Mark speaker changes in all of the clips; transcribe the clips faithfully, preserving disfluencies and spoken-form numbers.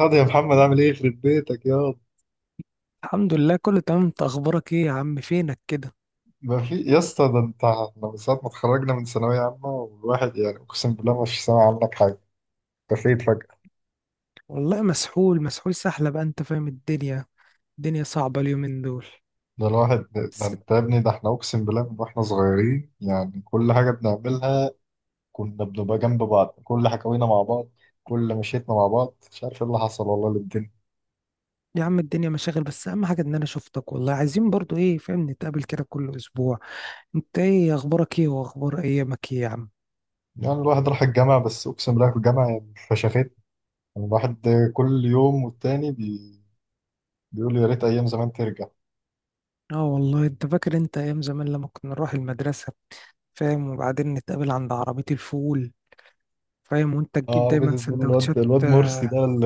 Speaker 1: ياض يا محمد، عامل ايه؟ يخرب بيتك ياض.
Speaker 2: الحمد لله، كله تمام. انت اخبارك ايه يا عم؟ فينك كده؟
Speaker 1: ما في يا اسطى، ده انت احنا من ساعة ما اتخرجنا من ثانوية عامة والواحد يعني اقسم بالله ما فيش سامع عنك حاجة. اختفيت فجأة.
Speaker 2: والله مسحول مسحول سحلة بقى، انت فاهم الدنيا. الدنيا صعبة اليومين دول،
Speaker 1: ده الواحد، ده
Speaker 2: بس.
Speaker 1: انت يا ابني، ده احنا اقسم بالله من واحنا صغيرين يعني كل حاجة بنعملها. كنا بنبقى جنب بعض، كل حكاوينا مع بعض، كل مشيتنا مع بعض. مش عارف ايه اللي حصل والله للدنيا.
Speaker 2: يا عم الدنيا مشاغل، بس اهم حاجة ان انا شفتك والله. عايزين برضو ايه فاهم نتقابل كده كل اسبوع. انت ايه اخبارك، ايه واخبار ايامك ايه يا عم؟
Speaker 1: يعني الواحد راح الجامعة، بس اقسم بالله في الجامعة يعني فشخت الواحد. كل يوم والتاني بي... بيقول يا ريت ايام زمان ترجع.
Speaker 2: اه والله، انت فاكر انت ايام زمان لما كنا نروح المدرسة؟ فاهم؟ وبعدين نتقابل عند عربية الفول. فاهم؟ وانت تجيب
Speaker 1: اه، عربية
Speaker 2: دايما
Speaker 1: الفول،
Speaker 2: سندوتشات.
Speaker 1: الواد الواد مرسي ده ال-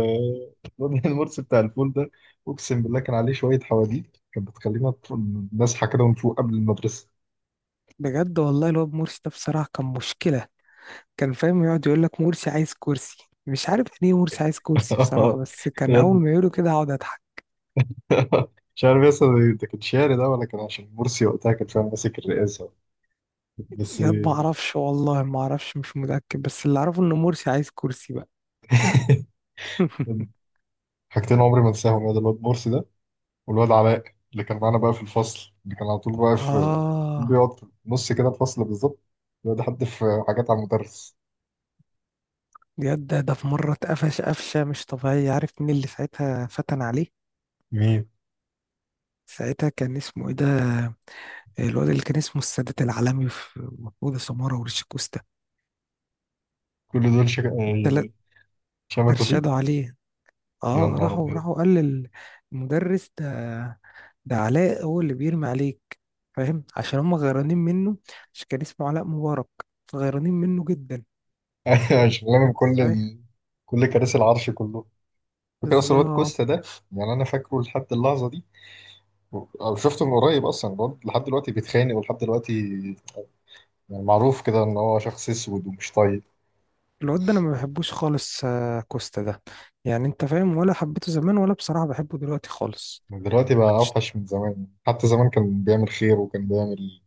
Speaker 1: الواد المرسي بتاع الفول ده، اقسم بالله كان عليه شوية حواديت كانت بتخلينا ت- نصحى كده ونفوق قبل المدرسة.
Speaker 2: بجد والله، الواد مرسي ده بصراحة كان مشكلة. كان فاهم يقعد يقول لك مرسي عايز كرسي. مش عارف يعني ايه مرسي عايز كرسي بصراحة، بس كان اول
Speaker 1: يد
Speaker 2: ما يقوله كده اقعد اضحك.
Speaker 1: مش عارف يا اسطى، ده كان شعر ده ولا كان عشان مرسي وقتها كان فعلا ماسك الرئاسة؟ بس.
Speaker 2: ياد ما اعرفش والله، ما اعرفش مش متأكد، بس اللي اعرفه ان مرسي عايز كرسي بقى.
Speaker 1: حاجتين عمري ما انساهم، يا ده الواد مرسي ده، والواد علاء اللي كان معانا بقى في الفصل اللي كان على طول بقى في،
Speaker 2: اه.
Speaker 1: بيقعد في نص كده الفصل بالظبط، بيقعد يحدف حاجات على المدرس.
Speaker 2: ياد ده ده في مرة اتقفش قفشة مش طبيعية. عارف مين اللي ساعتها فتن عليه؟
Speaker 1: مين؟
Speaker 2: ساعتها كان اسمه ايه ده؟ الواد اللي كان اسمه السادات العالمي، في محمود سمارة ورشيد كوستا،
Speaker 1: كل دول شك...
Speaker 2: التلات
Speaker 1: شمال توفيق.
Speaker 2: ارشدوا عليه.
Speaker 1: يا
Speaker 2: اه،
Speaker 1: نهار
Speaker 2: راحوا
Speaker 1: ابيض.
Speaker 2: راحوا قال للمدرس ده. ده علاء هو اللي بيرمي عليك. فاهم؟ عشان هم غيرانين منه. عشان كان اسمه علاء مبارك. غيرانين منه جدا.
Speaker 1: أيوة، شغلانه من
Speaker 2: فاهم
Speaker 1: كل
Speaker 2: ازاي؟
Speaker 1: ال... كل كراسي العرش كله. فاكر اصلا الواد
Speaker 2: بالظبط.
Speaker 1: كوستا ده؟ يعني انا فاكره لحد اللحظه دي، أو شفته من قريب اصلا الواد لحد دلوقتي بيتخانق ولحد دلوقتي. يعني معروف كده ان هو شخص اسود ومش طيب.
Speaker 2: الواد ده انا ما بحبوش خالص. آه، كوستا ده يعني، انت فاهم؟ ولا حبيته زمان، ولا بصراحة بحبه دلوقتي خالص.
Speaker 1: دلوقتي بقى
Speaker 2: كنتش-
Speaker 1: اوحش من زمان، حتى زمان كان بيعمل خير وكان بيعمل،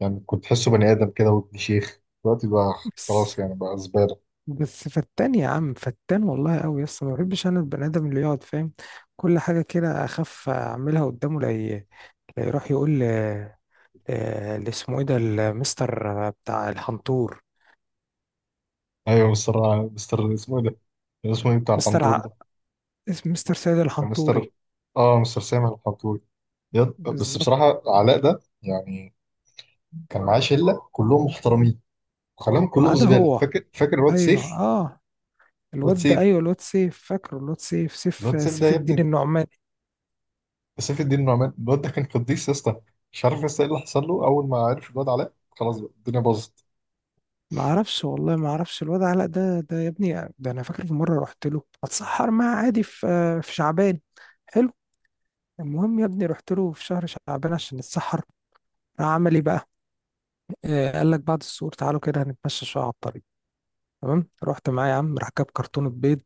Speaker 1: يعني كنت تحسه بني ادم كده وابن شيخ. دلوقتي بقى
Speaker 2: بس.
Speaker 1: خلاص يعني بقى زباله.
Speaker 2: بس فتان يا عم، فتان والله قوي. يس ما بحبش انا البني ادم اللي يقعد فاهم كل حاجة كده. اخاف اعملها قدامه لا ي- لا يروح يقول. آه، اللي اسمه ايه ده المستر بتاع الحنطور؟
Speaker 1: ايوه، مستر مستر اسمه ايه ده؟ اسمه ايه بتاع
Speaker 2: مستر
Speaker 1: الحنطور
Speaker 2: ع...
Speaker 1: ده؟
Speaker 2: اسم- مستر سيد
Speaker 1: كان مستر،
Speaker 2: الحنطوري.
Speaker 1: اه مستر سامح الحنطور. يض- بس
Speaker 2: بالظبط.
Speaker 1: بصراحة علاء ده يعني كان معاه شلة كلهم محترمين، وخلاهم
Speaker 2: ما
Speaker 1: كلهم
Speaker 2: عدا
Speaker 1: زبالة.
Speaker 2: هو.
Speaker 1: فاكر فاكر الواد
Speaker 2: ايوه،
Speaker 1: سيف،
Speaker 2: اه
Speaker 1: الواد
Speaker 2: الواد ده
Speaker 1: سيف،
Speaker 2: ايوه، الواد سيف. فاكره الواد سيف سيف
Speaker 1: الواد سيف ده
Speaker 2: سيف
Speaker 1: يا
Speaker 2: الدين
Speaker 1: ابني،
Speaker 2: النعماني.
Speaker 1: سيف الدين النعمان. الواد ده كان قديس يا اسطى. مش عارف يا اسطى ايه اللي حصل له، أول ما عرف الواد علاء خلاص بقى الدنيا باظت.
Speaker 2: ما اعرفش والله، ما اعرفش. الواد علاء ده ده يا ابني، ده انا فاكر في مره رحت له اتسحر معاه عادي، في آه، في شعبان. حلو. المهم يا ابني رحت له في شهر شعبان عشان نتسحر. راح عمل ايه بقى؟ آه، قال لك بعد السور تعالوا كده هنتمشى شويه على الطريق. تمام، رحت معاه يا عم. راح جاب كرتونه بيض،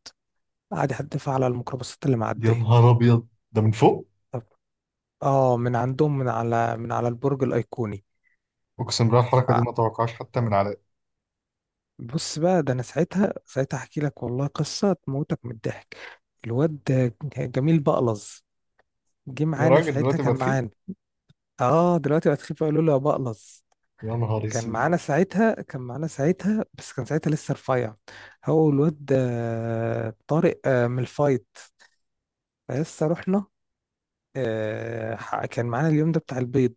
Speaker 2: قاعد يحدفها على الميكروباصات اللي
Speaker 1: يا
Speaker 2: معدية.
Speaker 1: نهار أبيض، ده من فوق؟
Speaker 2: طب. اه، من عندهم، من على من على البرج الأيقوني.
Speaker 1: أقسم بالله الحركة دي
Speaker 2: فبص
Speaker 1: ما توقعهاش حتى من علاء.
Speaker 2: بقى، ده أنا ساعتها، ساعتها أحكي لك والله قصة تموتك من الضحك. الواد جميل بقلظ جه
Speaker 1: يا
Speaker 2: معانا
Speaker 1: راجل
Speaker 2: ساعتها.
Speaker 1: دلوقتي
Speaker 2: كان
Speaker 1: بقى تخين.
Speaker 2: معانا. اه دلوقتي بقت خفيفة، يقولوا له يا بقلظ.
Speaker 1: يا نهار
Speaker 2: كان
Speaker 1: اسود.
Speaker 2: معانا ساعتها، كان معانا ساعتها بس كان ساعتها لسه رفيع، هو والواد آه، طارق آه، من الفايت. فلسه رحنا. آه، ح- كان معانا اليوم ده بتاع البيض.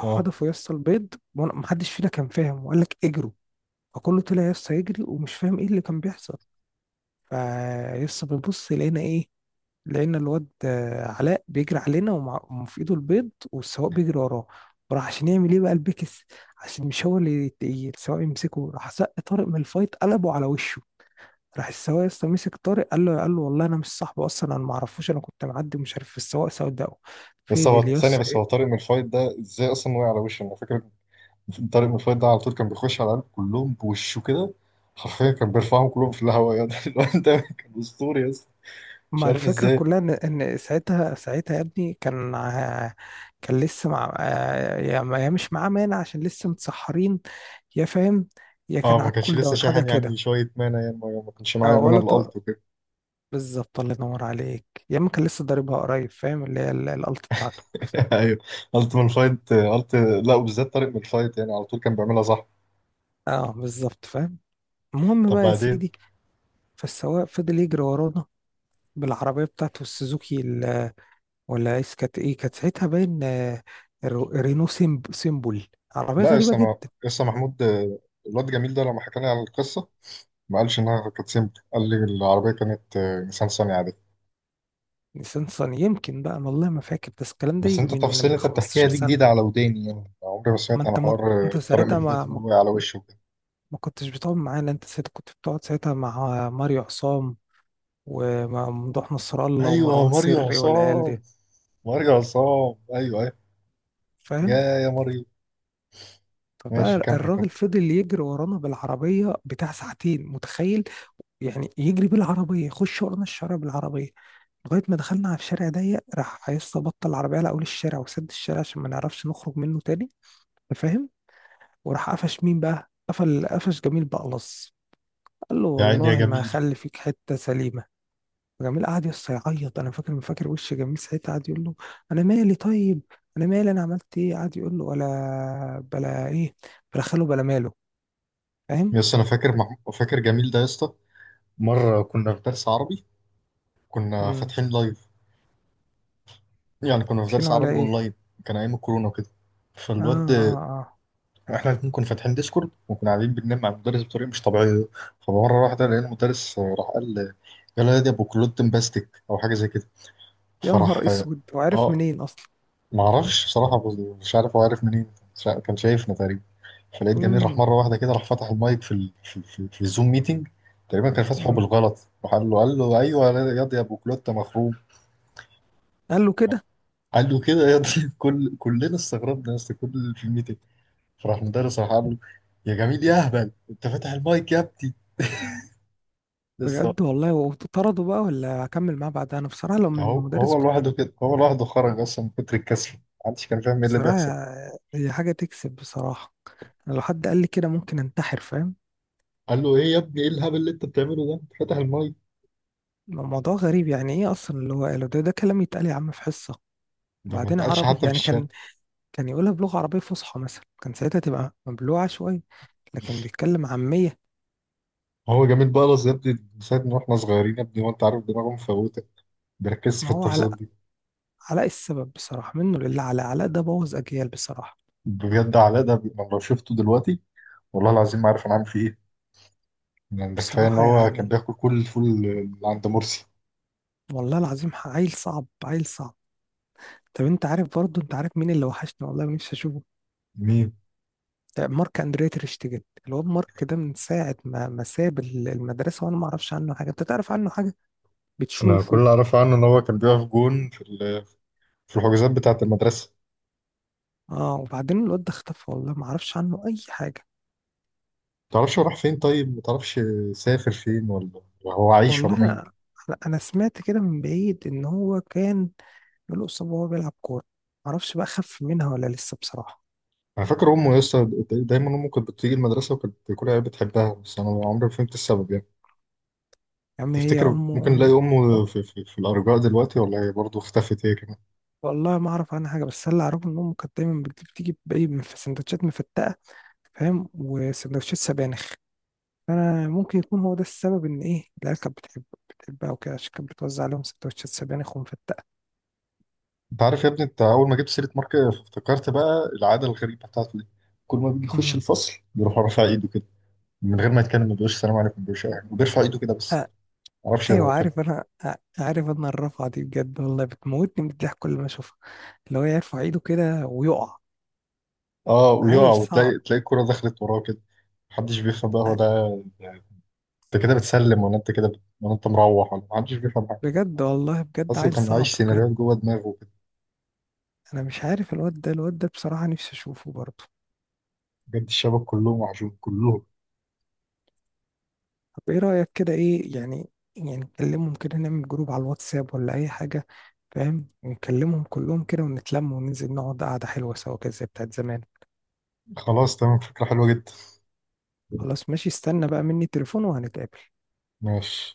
Speaker 1: اه،
Speaker 2: يا اسطى البيض. وأنا- محدش فينا كان فاهم، وقال لك اجروا. فكله طلع يا اسطى يجري، ومش فاهم ايه اللي كان بيحصل. فيا اسطى بنبص لقينا ايه؟ لقينا الواد آه، علاء بيجري علينا، ومع- وفي ايده البيض، والسواق بيجري وراه. وراح عشان يعمل ايه بقى البكس، عشان مش هو اللي يت- السواق يمسكه. راح سق طارق من الفايت قلبه على وشه. راح السواق يا اسطى مسك طارق. قال له قال له والله انا مش صاحبه اصلا، انا ما اعرفوش، انا كنت معدي ومش عارف السواق سوداء.
Speaker 1: بس هو
Speaker 2: فضل يا
Speaker 1: ثانية
Speaker 2: اسطى.
Speaker 1: بس هو طارق من الفايت ده ازاي أصلا وقع على وشه أنا فاكر طارق مفيد ده على طول كان بيخش على العيال كلهم بوشه كده حرفيا كان بيرفعهم كلهم في الهواء يعني الواد ده كان اسطوري يا اسطى مش
Speaker 2: ما
Speaker 1: عارف
Speaker 2: الفكرة
Speaker 1: ازاي
Speaker 2: كلها إن إن ساعتها، ساعتها يا ابني كان آه، كان لسه مع آه، يا ما- يا مش معاه مانع عشان لسه متسحرين، يا فاهم، يا
Speaker 1: اه
Speaker 2: كان
Speaker 1: ما
Speaker 2: على
Speaker 1: كانش
Speaker 2: الكول
Speaker 1: لسه
Speaker 2: داون حاجة
Speaker 1: شاحن يعني
Speaker 2: كده.
Speaker 1: شويه، مانا يعني ما ما كانش معايا
Speaker 2: أو
Speaker 1: مانا
Speaker 2: ولا
Speaker 1: الالت
Speaker 2: طاق.
Speaker 1: وكده.
Speaker 2: بالظبط، الله ينور عليك. يا إما كان لسه ضاربها قريب فاهم اللي هي ال- الألت بتاعته.
Speaker 1: ايوه، الت من الفايت الت. لا، وبالذات طارق من الفايت يعني على طول كان بيعملها صح.
Speaker 2: أه بالظبط، فاهم. المهم
Speaker 1: طب
Speaker 2: بقى يا
Speaker 1: بعدين؟
Speaker 2: سيدي، فالسواق فضل يجري ورانا بالعربية بتاعته السوزوكي ال- ولا إيه. كانت إيه كانت ساعتها باين آه، رو- رينو سيمب- سيمبل، عربية
Speaker 1: لا،
Speaker 2: غريبة
Speaker 1: لسه انا،
Speaker 2: جدا.
Speaker 1: لسه محمود، آه، الواد جميل ده لما حكى لي على القصه ما قالش انها كانت سيمبل، قال لي العربيه كانت آه، نيسان صني عادي.
Speaker 2: نيسان صني يمكن بقى، أنا والله ما فاكر. بس الكلام ده
Speaker 1: بس
Speaker 2: يجي
Speaker 1: انت
Speaker 2: من
Speaker 1: التفاصيل
Speaker 2: من
Speaker 1: اللي انت بتحكيها
Speaker 2: خمسة عشر
Speaker 1: دي
Speaker 2: سنة.
Speaker 1: جديدة على وداني، يعني عمري ما
Speaker 2: ما
Speaker 1: سمعت عن
Speaker 2: انت ما
Speaker 1: حوار
Speaker 2: انت
Speaker 1: طارق من
Speaker 2: ساعتها،
Speaker 1: الفوات
Speaker 2: ما ما
Speaker 1: انه وقع على وشه وكده.
Speaker 2: ما كنتش بتقعد معانا. انت ساعتها كنت بتقعد ساعتها مع ماريو عصام وممدوح نصر الله
Speaker 1: ايوه
Speaker 2: ومروان
Speaker 1: ماريو
Speaker 2: سري والعيال
Speaker 1: عصام،
Speaker 2: دي.
Speaker 1: ماريو عصام، ايوه ايوه. يا
Speaker 2: فاهم؟
Speaker 1: يا ماريو. ماشي
Speaker 2: فبقى
Speaker 1: كمل كمل.
Speaker 2: الراجل فضل يجري ورانا بالعربية بتاع ساعتين، متخيل؟ يعني يجري بالعربية، يخش ورانا الشارع بالعربية، لغاية ما دخلنا على الشارع ضيق. راح عايز بطل العربية على أول الشارع وسد الشارع عشان ما نعرفش نخرج منه تاني. أنت فاهم؟ وراح قفش مين بقى؟ قفل قفش جميل بألص. قال له
Speaker 1: يا عيني يا
Speaker 2: والله ما
Speaker 1: جميل.
Speaker 2: هخلي فيك حتة سليمة. جميل قعد يس يعيط. انا فاكر، فاكر وش جميل ساعتها. قعد يقول له انا مالي طيب، انا مالي، انا عملت ايه؟ قعد يقول له ولا بلا ايه، بلا خاله بلا ماله. فاهم؟
Speaker 1: يا اسطى انا فاكر مح... فاكر جميل ده يا اسطى، مرة كنا في درس عربي، كنا
Speaker 2: امم.
Speaker 1: فاتحين لايف، يعني كنا في درس
Speaker 2: فاتحينه على
Speaker 1: عربي
Speaker 2: ايه؟
Speaker 1: اونلاين، كان ايام الكورونا وكده.
Speaker 2: اه
Speaker 1: فالواد،
Speaker 2: اه اه.
Speaker 1: احنا الاتنين كنا فاتحين ديسكورد وكنا قاعدين بننام مع المدرس بطريقه مش طبيعيه. فمره واحده لقينا المدرس آه، راح قال، آه، يلا يا دي ابو كلوتن باستيك او حاجه زي كده.
Speaker 2: يا نهار
Speaker 1: فراح اه،
Speaker 2: اسود، وعرف
Speaker 1: آه،
Speaker 2: منين اصلا؟
Speaker 1: ما اعرفش بصراحه، بس- مش عارف هو عارف منين، مش عارف، كان شايفنا تقريبا. فلقيت جميل راح
Speaker 2: امم.
Speaker 1: مره واحده كده راح فتح المايك في ال... في, في, في الزوم ميتنج، تقريبا كان فاتحه
Speaker 2: امم.
Speaker 1: بالغلط. راح قال له، قال له ايوه يا دي ابو كلوتة مخروم.
Speaker 2: قال له كده؟
Speaker 1: قال له كده يا دي، كل كلنا استغربنا يا اسطى كل اللي في الميتنج. فراح المدرس راح قال له، يا جميل يا اهبل انت فاتح المايك يا ابني، لسه.
Speaker 2: بجد والله؟ وطرده بقى ولا هكمل معاه بعدها؟ انا بصراحة لو من
Speaker 1: هو
Speaker 2: المدرس
Speaker 1: هو
Speaker 2: كنت.
Speaker 1: لوحده كده، هو لوحده خرج اصلا من كتر الكسل. محدش كان فاهم ايه اللي بيحصل.
Speaker 2: بصراحة هي حاجة تكسب، بصراحة. أنا لو حد قال لي كده ممكن انتحر، فاهم؟
Speaker 1: قال له ايه يا ابني، ايه الهبل اللي انت بتعمله ده، انت فاتح المايك،
Speaker 2: الموضوع غريب. يعني ايه اصلا اللي هو قاله ده؟ ده كلام يتقال يا عم في حصه؟
Speaker 1: ده ما
Speaker 2: وبعدين
Speaker 1: اتقالش
Speaker 2: عربي.
Speaker 1: حتى في
Speaker 2: يعني
Speaker 1: الشارع.
Speaker 2: كان كان يقولها بلغه عربيه فصحى مثلا كان ساعتها تبقى مبلوعه شويه، لكن بيتكلم عاميه.
Speaker 1: هو جميل بلس يا ابني من ساعه ما احنا صغيرين يا ابني، وانت عارف دماغه مفوته بيركز في
Speaker 2: ما هو
Speaker 1: التفاصيل
Speaker 2: علاء.
Speaker 1: دي.
Speaker 2: علاء السبب بصراحه، منه لله. علاء، علاء ده بوظ اجيال بصراحه.
Speaker 1: بجد علاء ده بي- أنا لو شفته دلوقتي والله العظيم ما عارف انا عامل فيه ايه، يعني ده كفايه ان
Speaker 2: بصراحه
Speaker 1: هو كان
Speaker 2: يعني
Speaker 1: بياكل كل الفول اللي عند مرسي.
Speaker 2: والله العظيم عيل صعب، عيل صعب. طب انت عارف برضه، انت عارف مين اللي وحشني والله نفسي اشوفه؟
Speaker 1: مين؟
Speaker 2: آه، مارك اندريا تير شتيجن. الواد مارك ده من ساعه ما ما ساب المدرسه وانا ما اعرفش عنه حاجه. انت تعرف عنه حاجه؟
Speaker 1: انا كل
Speaker 2: بتشوفه؟
Speaker 1: اللي اعرفه عنه ان هو كان بيقف جون في ال- في الحجوزات بتاعه المدرسه.
Speaker 2: اه، وبعدين الواد ده اختفى والله ما اعرفش عنه اي حاجه.
Speaker 1: تعرفش هو راح فين؟ طيب ما تعرفش سافر فين، ولا ولا هو عايش ولا ميت؟
Speaker 2: والله انا، انا سمعت كده من بعيد ان هو كان له اصابه وهو بيلعب كوره. ما اعرفش بقى خف منها ولا لسه بصراحه.
Speaker 1: انا فاكر امه يا اسطى، دايما امه كانت بتيجي المدرسه وكانت كل عيال بتحبها بس انا عمري ما فهمت السبب يعني.
Speaker 2: يا عم هي
Speaker 1: تفتكر
Speaker 2: امه
Speaker 1: ممكن
Speaker 2: ام
Speaker 1: نلاقي امه
Speaker 2: أم-
Speaker 1: في, في, في الارجاء دلوقتي، ولا هي برضه اختفت هي كمان؟
Speaker 2: والله ما اعرف عنها حاجه، بس اللي اعرفه ان امه كانت دايما بتجيب تيجي باي من في سندوتشات مفتقه. فاهم؟ وسندوتشات سبانخ. فانا ممكن يكون هو ده السبب ان ايه العيال كانت بتحب بتحبها وكده، عشان كانت بتوزع عليهم سندوتشات سبانخ ومفتقه.
Speaker 1: انت عارف يا ابني، انت اول ما جبت سيره مارك افتكرت بقى العاده الغريبه بتاعته دي، كل ما بيجي يخش الفصل بيروح رافع ايده كده من غير ما يتكلم، ما بيقولش السلام عليكم، ما بيقولش اي حاجه وبيرفع ايده كده بس.
Speaker 2: امم.
Speaker 1: ما اعرفش هو
Speaker 2: ايوه
Speaker 1: كان.
Speaker 2: عارف انا، عارف انا الرفعه دي بجد والله بتموتني من الضحك كل ما اشوفها، اللي هو يرفع ايده كده ويقع.
Speaker 1: اه، ويقع
Speaker 2: عيل صعب.
Speaker 1: وتلاقي تلاقي الكوره دخلت وراه كده. محدش بيفهم بقى هو
Speaker 2: ع-
Speaker 1: ده، انت كده بتسلم ولا انت كده بت... ولا انت مروح؟ ولا محدش بيفهم حاجه.
Speaker 2: بجد والله، بجد
Speaker 1: بس
Speaker 2: عيل
Speaker 1: كان
Speaker 2: صعب
Speaker 1: عايش
Speaker 2: بجد.
Speaker 1: سيناريوهات جوه دماغه كده.
Speaker 2: انا مش عارف الواد ده، الواد ده بصراحه نفسي اشوفه برضه.
Speaker 1: بجد الشباب كلهم وحشون كلهم.
Speaker 2: طب ايه رايك كده، ايه يعني؟ يعني نكلمهم كده، نعمل جروب على الواتساب ولا اي حاجه؟ فاهم؟ نكلمهم كلهم كده ونتلم وننزل نقعد قعده حلوه سوا كده زي بتاعت زمان.
Speaker 1: خلاص تمام، فكره حلوه جدا.
Speaker 2: خلاص ماشي، استنى بقى مني تليفون وهنتقابل.
Speaker 1: ماشي.